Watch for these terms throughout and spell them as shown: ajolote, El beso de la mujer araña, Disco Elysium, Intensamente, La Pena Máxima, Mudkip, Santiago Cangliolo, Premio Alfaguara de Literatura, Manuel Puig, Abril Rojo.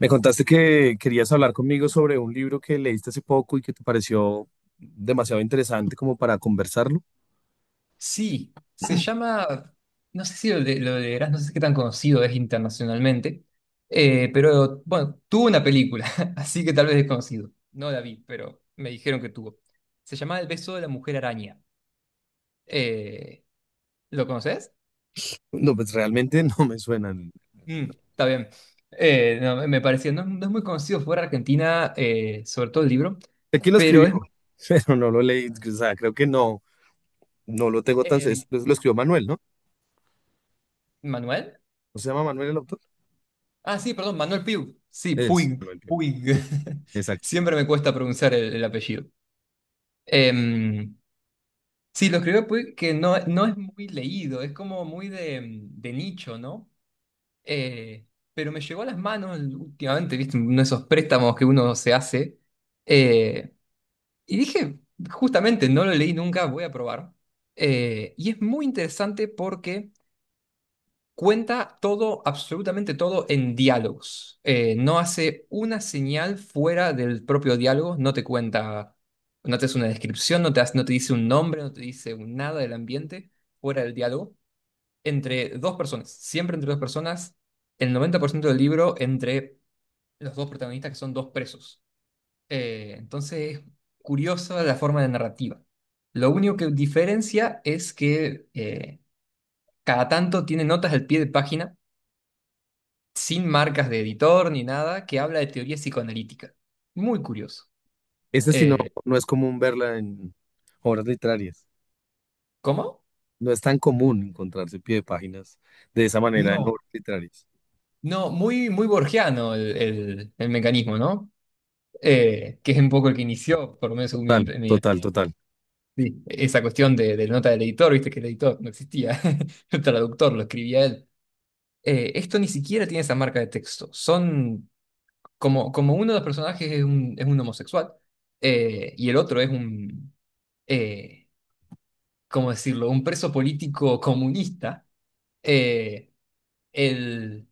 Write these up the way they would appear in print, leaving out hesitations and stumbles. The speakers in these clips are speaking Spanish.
Me contaste que querías hablar conmigo sobre un libro que leíste hace poco y que te pareció demasiado interesante como para conversarlo. Sí, se llama, no sé si lo leerás, no sé qué tan conocido es internacionalmente, pero bueno, tuvo una película, así que tal vez es conocido. No la vi, pero me dijeron que tuvo. Se llama El beso de la mujer araña. Eh, ¿Lo conoces? No, pues realmente no me suena. Mm, está bien. No, me parecía, no, no es muy conocido fuera de Argentina, sobre todo el libro, Sé quién lo pero escribió, es... pero no lo leí. O sea, creo que no, no lo tengo tan... eh, pues, lo escribió Manuel, ¿no? ¿Manuel? ¿No se llama Manuel el autor? Ah, sí, perdón, Manuel Piu. Sí, Es Puig, Manuel, creo. Puig. Sí, exacto. Siempre me cuesta pronunciar el apellido. Em, sí, lo escribió Puig que no, no es muy leído, es como muy de, de nicho, ¿no? Eh, pero me llegó a las manos últimamente, ¿viste? Uno de esos préstamos que uno se hace. Eh, y dije, justamente, no lo leí nunca, voy a probar. Y es muy interesante porque cuenta todo, absolutamente todo en diálogos. No hace una señal fuera del propio diálogo, no te cuenta, no te hace una descripción, no te, hace- no te dice un nombre, no te dice un nada del ambiente fuera del diálogo. Entre dos personas, siempre entre dos personas, el 90% del libro entre los dos protagonistas que son dos presos. Entonces, es curiosa la forma de narrativa. Lo único que diferencia es que cada tanto tiene notas al pie de página sin marcas de editor ni nada, que habla de teoría psicoanalítica. Muy curioso. Ese sí no, Eh, no es común verla en obras literarias. ¿Cómo? No es tan común encontrarse pie de páginas de esa manera en No, obras literarias. no, muy, muy borgiano el mecanismo, ¿no? Que es un poco el que inició, por lo menos según mi, Total, total, total. sí, esa cuestión de la nota del editor, viste que el editor no existía, el traductor lo escribía él. Esto ni siquiera tiene esa marca de texto. Son como, como uno de los personajes es un homosexual, y el otro es un, eh, ¿cómo decirlo?, un preso político comunista, eh, el-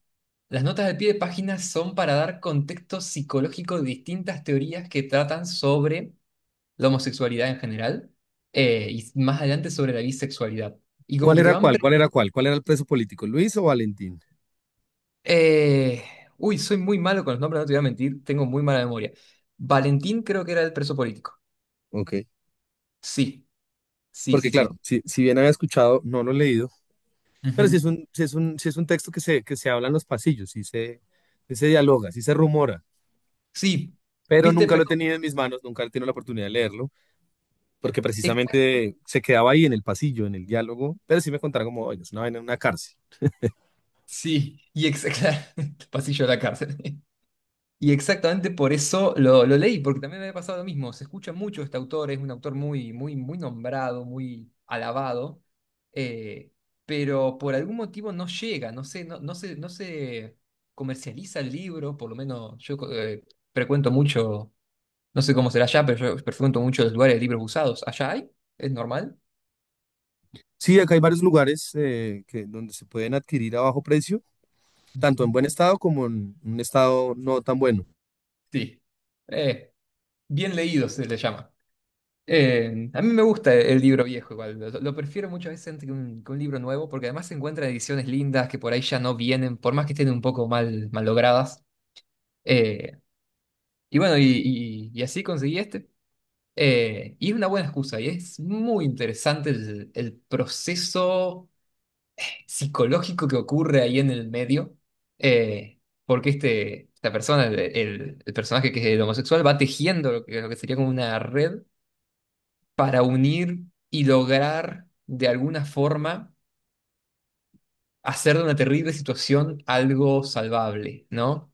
las notas de pie de página son para dar contexto psicológico de distintas teorías que tratan sobre la homosexualidad en general, y más adelante sobre la bisexualidad. Y como ¿Cuál que te era van... cuál? ¿Cuál era cuál? ¿Cuál era el preso político? ¿Luis o Valentín? eh, uy, soy muy malo con los nombres, no te voy a mentir, tengo muy mala memoria. Valentín creo que era el preso político. Ok. Sí, sí, Porque sí, claro, sí. si bien había escuchado, no lo he leído, pero si es Ujú. un, sí es un, sí es un texto que que se habla en los pasillos, sí se dialoga, sí se rumora, Sí, pero viste, nunca lo he pero... tenido en mis manos, nunca he tenido la oportunidad de leerlo, porque precisamente se quedaba ahí en el pasillo, en el diálogo, pero sí me contaron como, oye, es una vaina en una cárcel. Sí, y exactamente, el pasillo de la cárcel. Y exactamente por eso lo leí, porque también me había pasado lo mismo. Se escucha mucho este autor, es un autor muy, muy, muy nombrado, muy alabado, eh, pero por algún motivo no llega, no sé, no, no se comercializa el libro, por lo menos yo frecuento mucho, no sé cómo será allá, pero yo frecuento mucho los lugares de libros usados. ¿Allá hay? ¿Es normal? Sí, acá hay varios lugares que, donde se pueden adquirir a bajo precio, tanto en buen estado como en un estado no tan bueno. Sí. Eh, Bien leído se le llama. A mí me gusta el libro viejo igual, lo prefiero muchas veces antes que un libro nuevo, porque además se encuentran ediciones lindas que por ahí ya no vienen, por más que estén un poco mal, mal logradas. Eh, y bueno, y así conseguí este. Y es una buena excusa, y es muy interesante el proceso psicológico que ocurre ahí en el medio, eh, porque este, esta persona, el personaje que es el homosexual, va tejiendo lo que sería como una red para unir y lograr de alguna forma hacer de una terrible situación algo salvable, ¿no?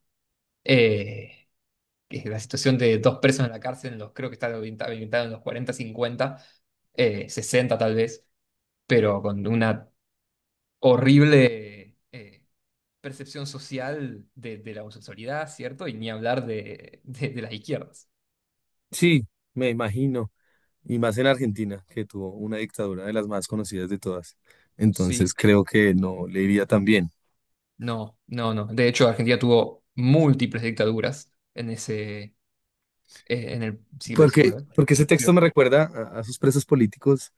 Eh, que la situación de dos presos en la cárcel, en los, creo que está ambientada en los 40, 50, 60 tal vez, pero con una horrible percepción social de la homosexualidad, ¿cierto? Y ni hablar de las izquierdas. Sí, me imagino. Y más en Argentina, que tuvo una dictadura de las más conocidas de todas. Entonces Sí, creo que no le iría tan bien. no, no, no. De hecho, Argentina tuvo múltiples dictaduras en ese, en el siglo Porque, XIX. porque ese Sí. texto me recuerda a sus presos políticos.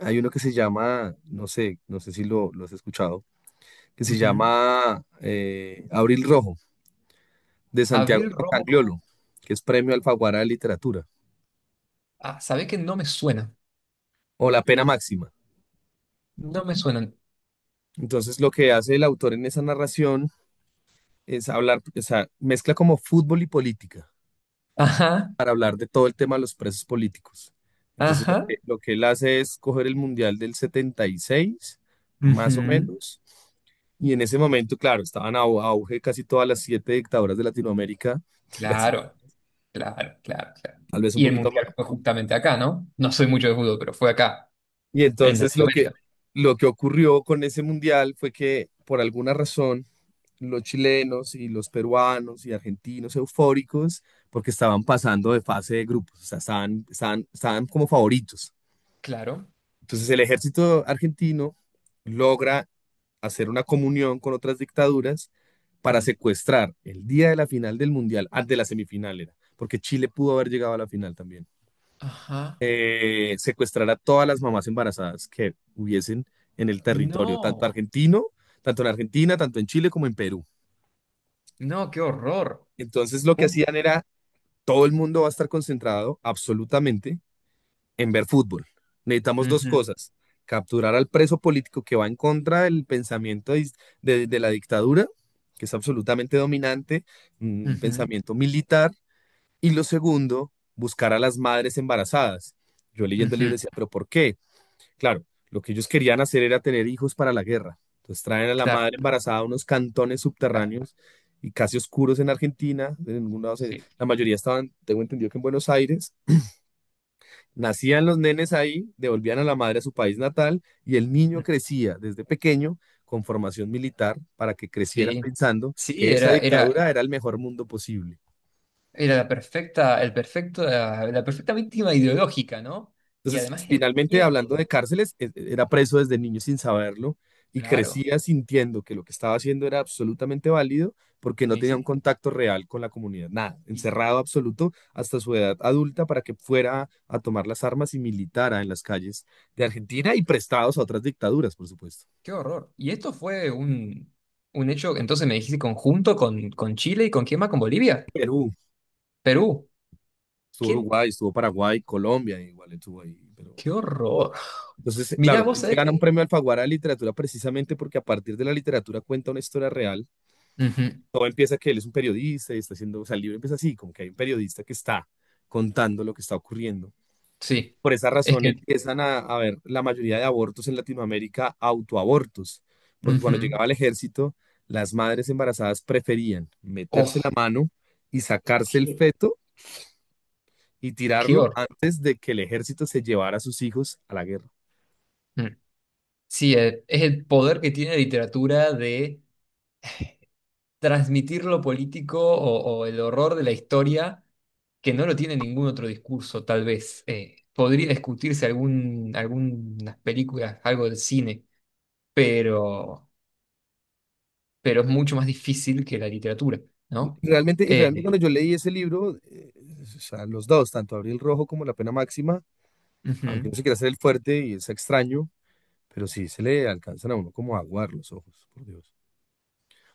Hay uno que se llama, no sé, no sé si lo has escuchado, que se Ujú. llama Abril Rojo, de Santiago Abril Romo. Cangliolo, que es premio Alfaguara de Literatura, Ah, ¿sabés que no me suena? o La Pena Máxima. No me suenan. Entonces lo que hace el autor en esa narración es hablar, o sea, mezcla como fútbol y política, Ajá, para hablar de todo el tema de los presos políticos. Entonces, ajá. Lo que él hace es coger el Mundial del 76, más o Ujú. menos, y en ese momento, claro, estaban a auge casi todas las siete dictaduras de Latinoamérica, casi, Claro, claro, claro, claro. tal vez un Y el poquito más. mundial fue justamente acá, ¿no? No soy mucho de fútbol, pero fue acá, Y en entonces Latinoamérica. lo que ocurrió con ese mundial fue que, por alguna razón, los chilenos y los peruanos y argentinos eufóricos, porque estaban pasando de fase de grupos, o sea, estaban como favoritos. Claro. Entonces el ejército argentino logra hacer una comunión con otras dictaduras para Mm, secuestrar el día de la final del Mundial, antes de la semifinal era, porque Chile pudo haber llegado a la final también, ajá. Secuestrar a todas las mamás embarazadas que hubiesen en el territorio, tanto No, argentino, tanto en Argentina, tanto en Chile como en Perú. no, qué horror. Entonces lo que Pum, hacían era, todo el mundo va a estar concentrado absolutamente en ver fútbol. Necesitamos dos ujú, cosas. Capturar al preso político que va en contra del pensamiento de la dictadura, que es absolutamente dominante, un ujú, pensamiento militar. Y lo segundo, buscar a las madres embarazadas. Yo leyendo el ujú, libro decía, pero ¿por qué? Claro, lo que ellos querían hacer era tener hijos para la guerra. Entonces traen a la claro, madre embarazada a unos cantones claro. subterráneos y casi oscuros en Argentina. En ningún lado Sí. la mayoría estaban, tengo entendido que en Buenos Aires nacían los nenes ahí, devolvían a la madre a su país natal y el niño crecía desde pequeño con formación militar para que creciera Sí. pensando Sí, que esa era, era. dictadura era el mejor mundo posible. Era la perfecta, el perfecto, la perfecta víctima ideológica, ¿no? Y Entonces, además el finalmente, miedo, hablando de cárceles, era preso desde niño sin saberlo y claro, crecía sintiendo que lo que estaba haciendo era absolutamente válido porque me no tenía un dice, contacto real con la comunidad, nada, y sí, encerrado absoluto hasta su edad adulta para que fuera a tomar las armas y militara en las calles de Argentina y prestados a otras dictaduras, por supuesto. qué horror. Y esto fue un hecho, entonces me dijiste conjunto con Chile y con quién más, con Bolivia, Perú, Perú, estuvo qué, Uruguay, estuvo Paraguay, Colombia, igual estuvo ahí. Pero... qué horror. Entonces, Mirá, claro, vos él se sabés gana un que... premio Alfaguara de literatura precisamente porque a partir de la literatura cuenta una historia real. Ujú, Todo empieza que él es un periodista y está haciendo, o sea, el libro empieza así, como que hay un periodista que está contando lo que está ocurriendo. sí, Por esa es razón que... empiezan a ver la mayoría de abortos en Latinoamérica autoabortos, porque cuando Ujú. llegaba el ejército, las madres embarazadas preferían meterse Oh, la mano y sacarse el qué, feto y qué tirarlo horror. antes de que el ejército se llevara a sus hijos a la guerra. Mm. Sí, es el poder que tiene la literatura de transmitir lo político o el horror de la historia que no lo tiene ningún otro discurso, tal vez. Podría discutirse algún, algunas películas, algo del cine, pero, pero es mucho más difícil que la literatura, ¿no? Realmente, y realmente Eh, cuando yo leí ese libro, o sea, los dos, tanto Abril Rojo como La Pena Máxima, Ujú. aunque no se quiera hacer el fuerte y es extraño, pero sí se le alcanzan a uno como a aguar los ojos, por Dios.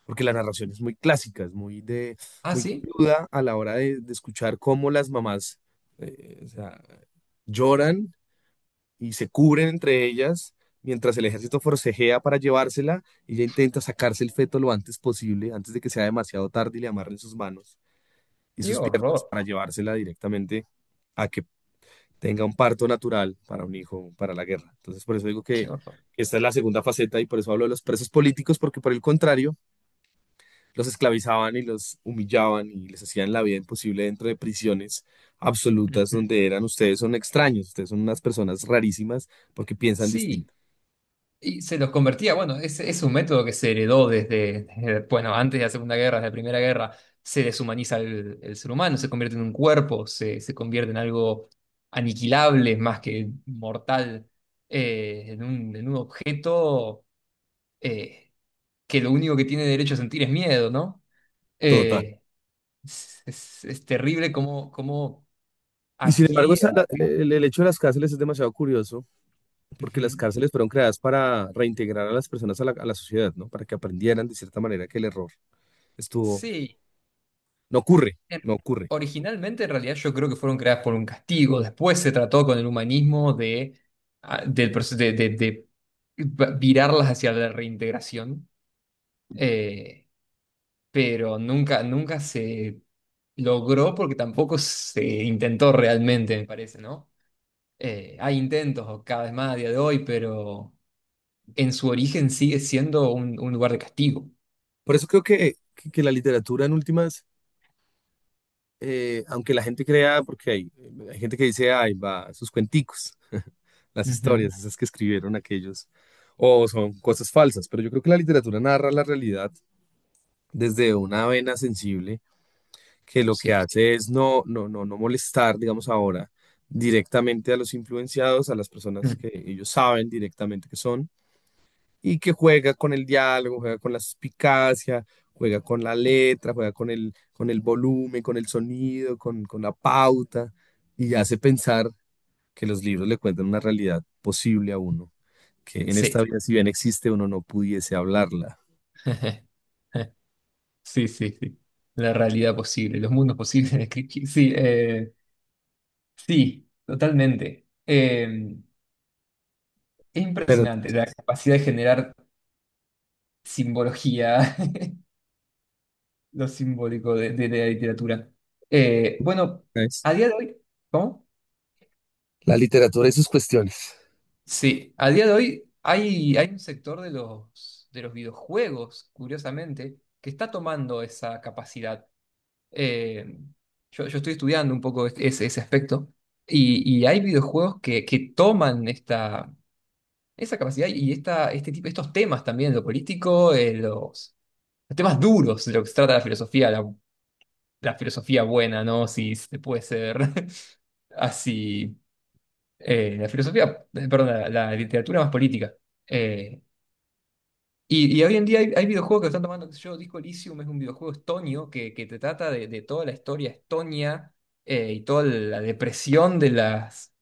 Porque la narración es muy clásica, es muy, de, Ah, muy sí, cruda a la hora de escuchar cómo las mamás o sea, lloran y se cubren entre ellas mientras el ejército forcejea para llevársela. Ella intenta sacarse el feto lo antes posible, antes de que sea demasiado tarde y le amarren sus manos y qué sus piernas horror, para llevársela directamente a que tenga un parto natural para un hijo, para la guerra. Entonces, por eso digo qué que horror. esta es la segunda faceta y por eso hablo de los presos políticos, porque por el contrario, los esclavizaban y los humillaban y les hacían la vida imposible dentro de prisiones absolutas Ujú. donde eran ustedes son extraños, ustedes son unas personas rarísimas porque piensan Sí. distinto. Y se los convertía, bueno, es un método que se heredó bueno, antes de la Segunda Guerra, desde la Primera Guerra, se deshumaniza el ser humano, se, convierte en un cuerpo, se convierte en algo aniquilable más que mortal, en un objeto eh, que lo único que tiene derecho a sentir es miedo, ¿no? Total. Eh, es terrible como Y sin embargo, aquí... el hecho de las cárceles es demasiado curioso, porque las Ujú. cárceles fueron creadas para reintegrar a las personas a la sociedad, ¿no? Para que aprendieran de cierta manera que el error estuvo, Sí. no ocurre, Eh, no ocurre. Originalmente, en realidad, yo creo que fueron creadas por un castigo. Después se trató con el humanismo de, ah, del de virarlas hacia la reintegración. Eh, pero nunca, nunca se logró porque tampoco se intentó realmente, me parece, ¿no? Hay intentos cada vez más a día de hoy, pero en su origen sigue siendo un lugar de castigo. Por eso creo que la literatura en últimas, aunque la gente crea, porque hay gente que dice, ay, va, sus cuenticos, las Ujú, historias, esas que escribieron aquellos, o son cosas falsas, pero yo creo que la literatura narra la realidad desde una vena sensible que lo que sí. hace es no molestar, digamos ahora, directamente a los influenciados, a las personas Mm, que ellos saben directamente que son, y que juega con el diálogo, juega con la suspicacia, juega con la letra, juega con el volumen, con el sonido, con la pauta, y hace pensar que los libros le cuentan una realidad posible a uno, que en esta sí. vida, si bien existe, uno no pudiese hablarla. Sí, sí, sí. La realidad posible, los mundos posibles. Sí, sí, totalmente. Es Pero, impresionante la capacidad de generar simbología, lo simbólico de la literatura. Bueno, ¿sabes? a día de hoy, ¿cómo? La literatura y sus cuestiones. Sí, a día de hoy hay un sector de los videojuegos, curiosamente, que está tomando esa capacidad. eh, yo estoy estudiando un poco ese aspecto y hay videojuegos que toman esta, esa capacidad y esta, este tipo, estos temas también, lo político, los temas duros de lo que se trata la filosofía, la filosofía buena, ¿no? Si se puede ser así. La filosofía, perdón, la literatura más política. Eh, y hoy en día hay videojuegos que están tomando, qué sé yo, Disco Elysium es un videojuego estonio que te trata de toda la historia estonia y toda la depresión de las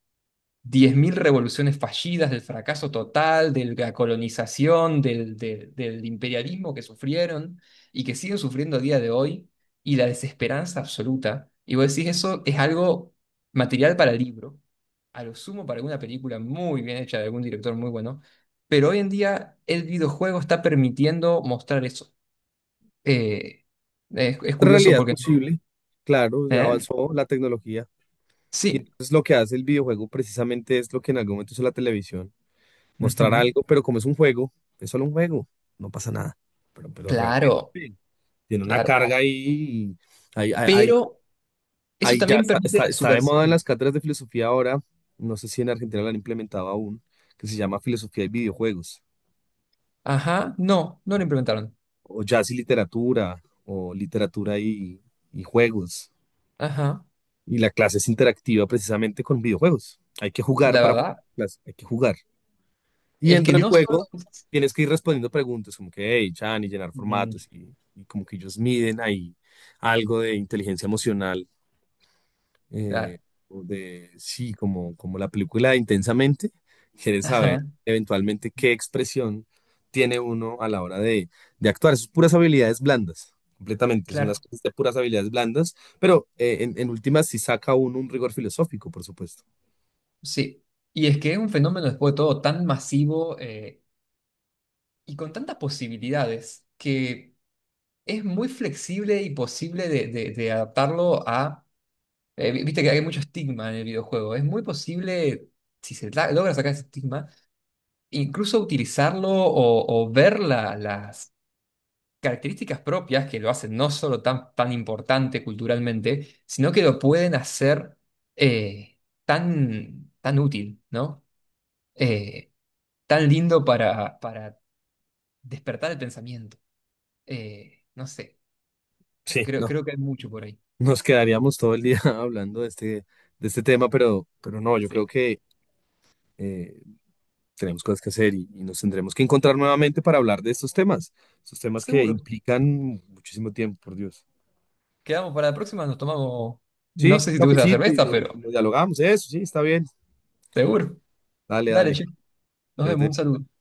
10.000 revoluciones fallidas, del fracaso total, de la colonización, del imperialismo que sufrieron y que siguen sufriendo a día de hoy y la desesperanza absoluta. Y vos decís, eso es algo material para el libro a lo sumo para alguna película muy bien hecha de algún director muy bueno, pero hoy en día el videojuego está permitiendo mostrar eso. Eh, es curioso Realidad porque no. posible, claro, ya ¿Eh? avanzó la tecnología y Sí, entonces lo que hace el videojuego precisamente es lo que en algún momento hizo la televisión, mostrar ujú, algo, pero como es un juego, es solo un juego, no pasa nada, pero realmente claro, tiene una claro. carga ahí, y ahí, ahí, ahí- Pero eso ahí ya también está, permite la está de moda en subversión. las cátedras de filosofía ahora, no sé si en Argentina lo han implementado aún, que se llama filosofía y videojuegos, Ajá, no, no lo implementaron. o jazz y literatura, o literatura y juegos. Ajá, Y la clase es interactiva precisamente con videojuegos. Hay que jugar la para verdad clase, hay que jugar. Y es que dentro del no juego solo tienes que ir respondiendo preguntas como que, hey, Chan, y llenar Mm, formatos y como que ellos miden ahí algo de inteligencia emocional claro, eh, o de, sí, como, como la película de Intensamente, quieres saber ajá, eventualmente qué expresión tiene uno a la hora de actuar. Es puras habilidades blandas, completamente, son las claro, cosas de puras habilidades blandas, pero en últimas sí saca uno un rigor filosófico, por supuesto. sí. Y es que es un fenómeno después de todo tan masivo y con tantas posibilidades que es muy flexible y posible de adaptarlo a... viste que hay mucho estigma en el videojuego. Es muy posible, si se logra sacar ese estigma, incluso utilizarlo o ver las características propias que lo hacen no solo tan, tan importante culturalmente, sino que lo pueden hacer eh, tan, tan útil, ¿no? Eh, Tan lindo para despertar el pensamiento. No sé, Sí, creo, no, creo que hay mucho por ahí. nos quedaríamos todo el día hablando de este tema, pero no, yo creo Sí, que... eh, tenemos cosas que hacer y nos tendremos que encontrar nuevamente para hablar de estos temas que seguro. implican muchísimo tiempo, por Dios. Quedamos para la próxima, nos tomamos, no Sí, sé un si te gusta la cafecito cerveza, y pero lo dialogamos, eso, sí, está bien. seguro. Dale, Dale, dale, che, nos vemos, un espérate. saludo.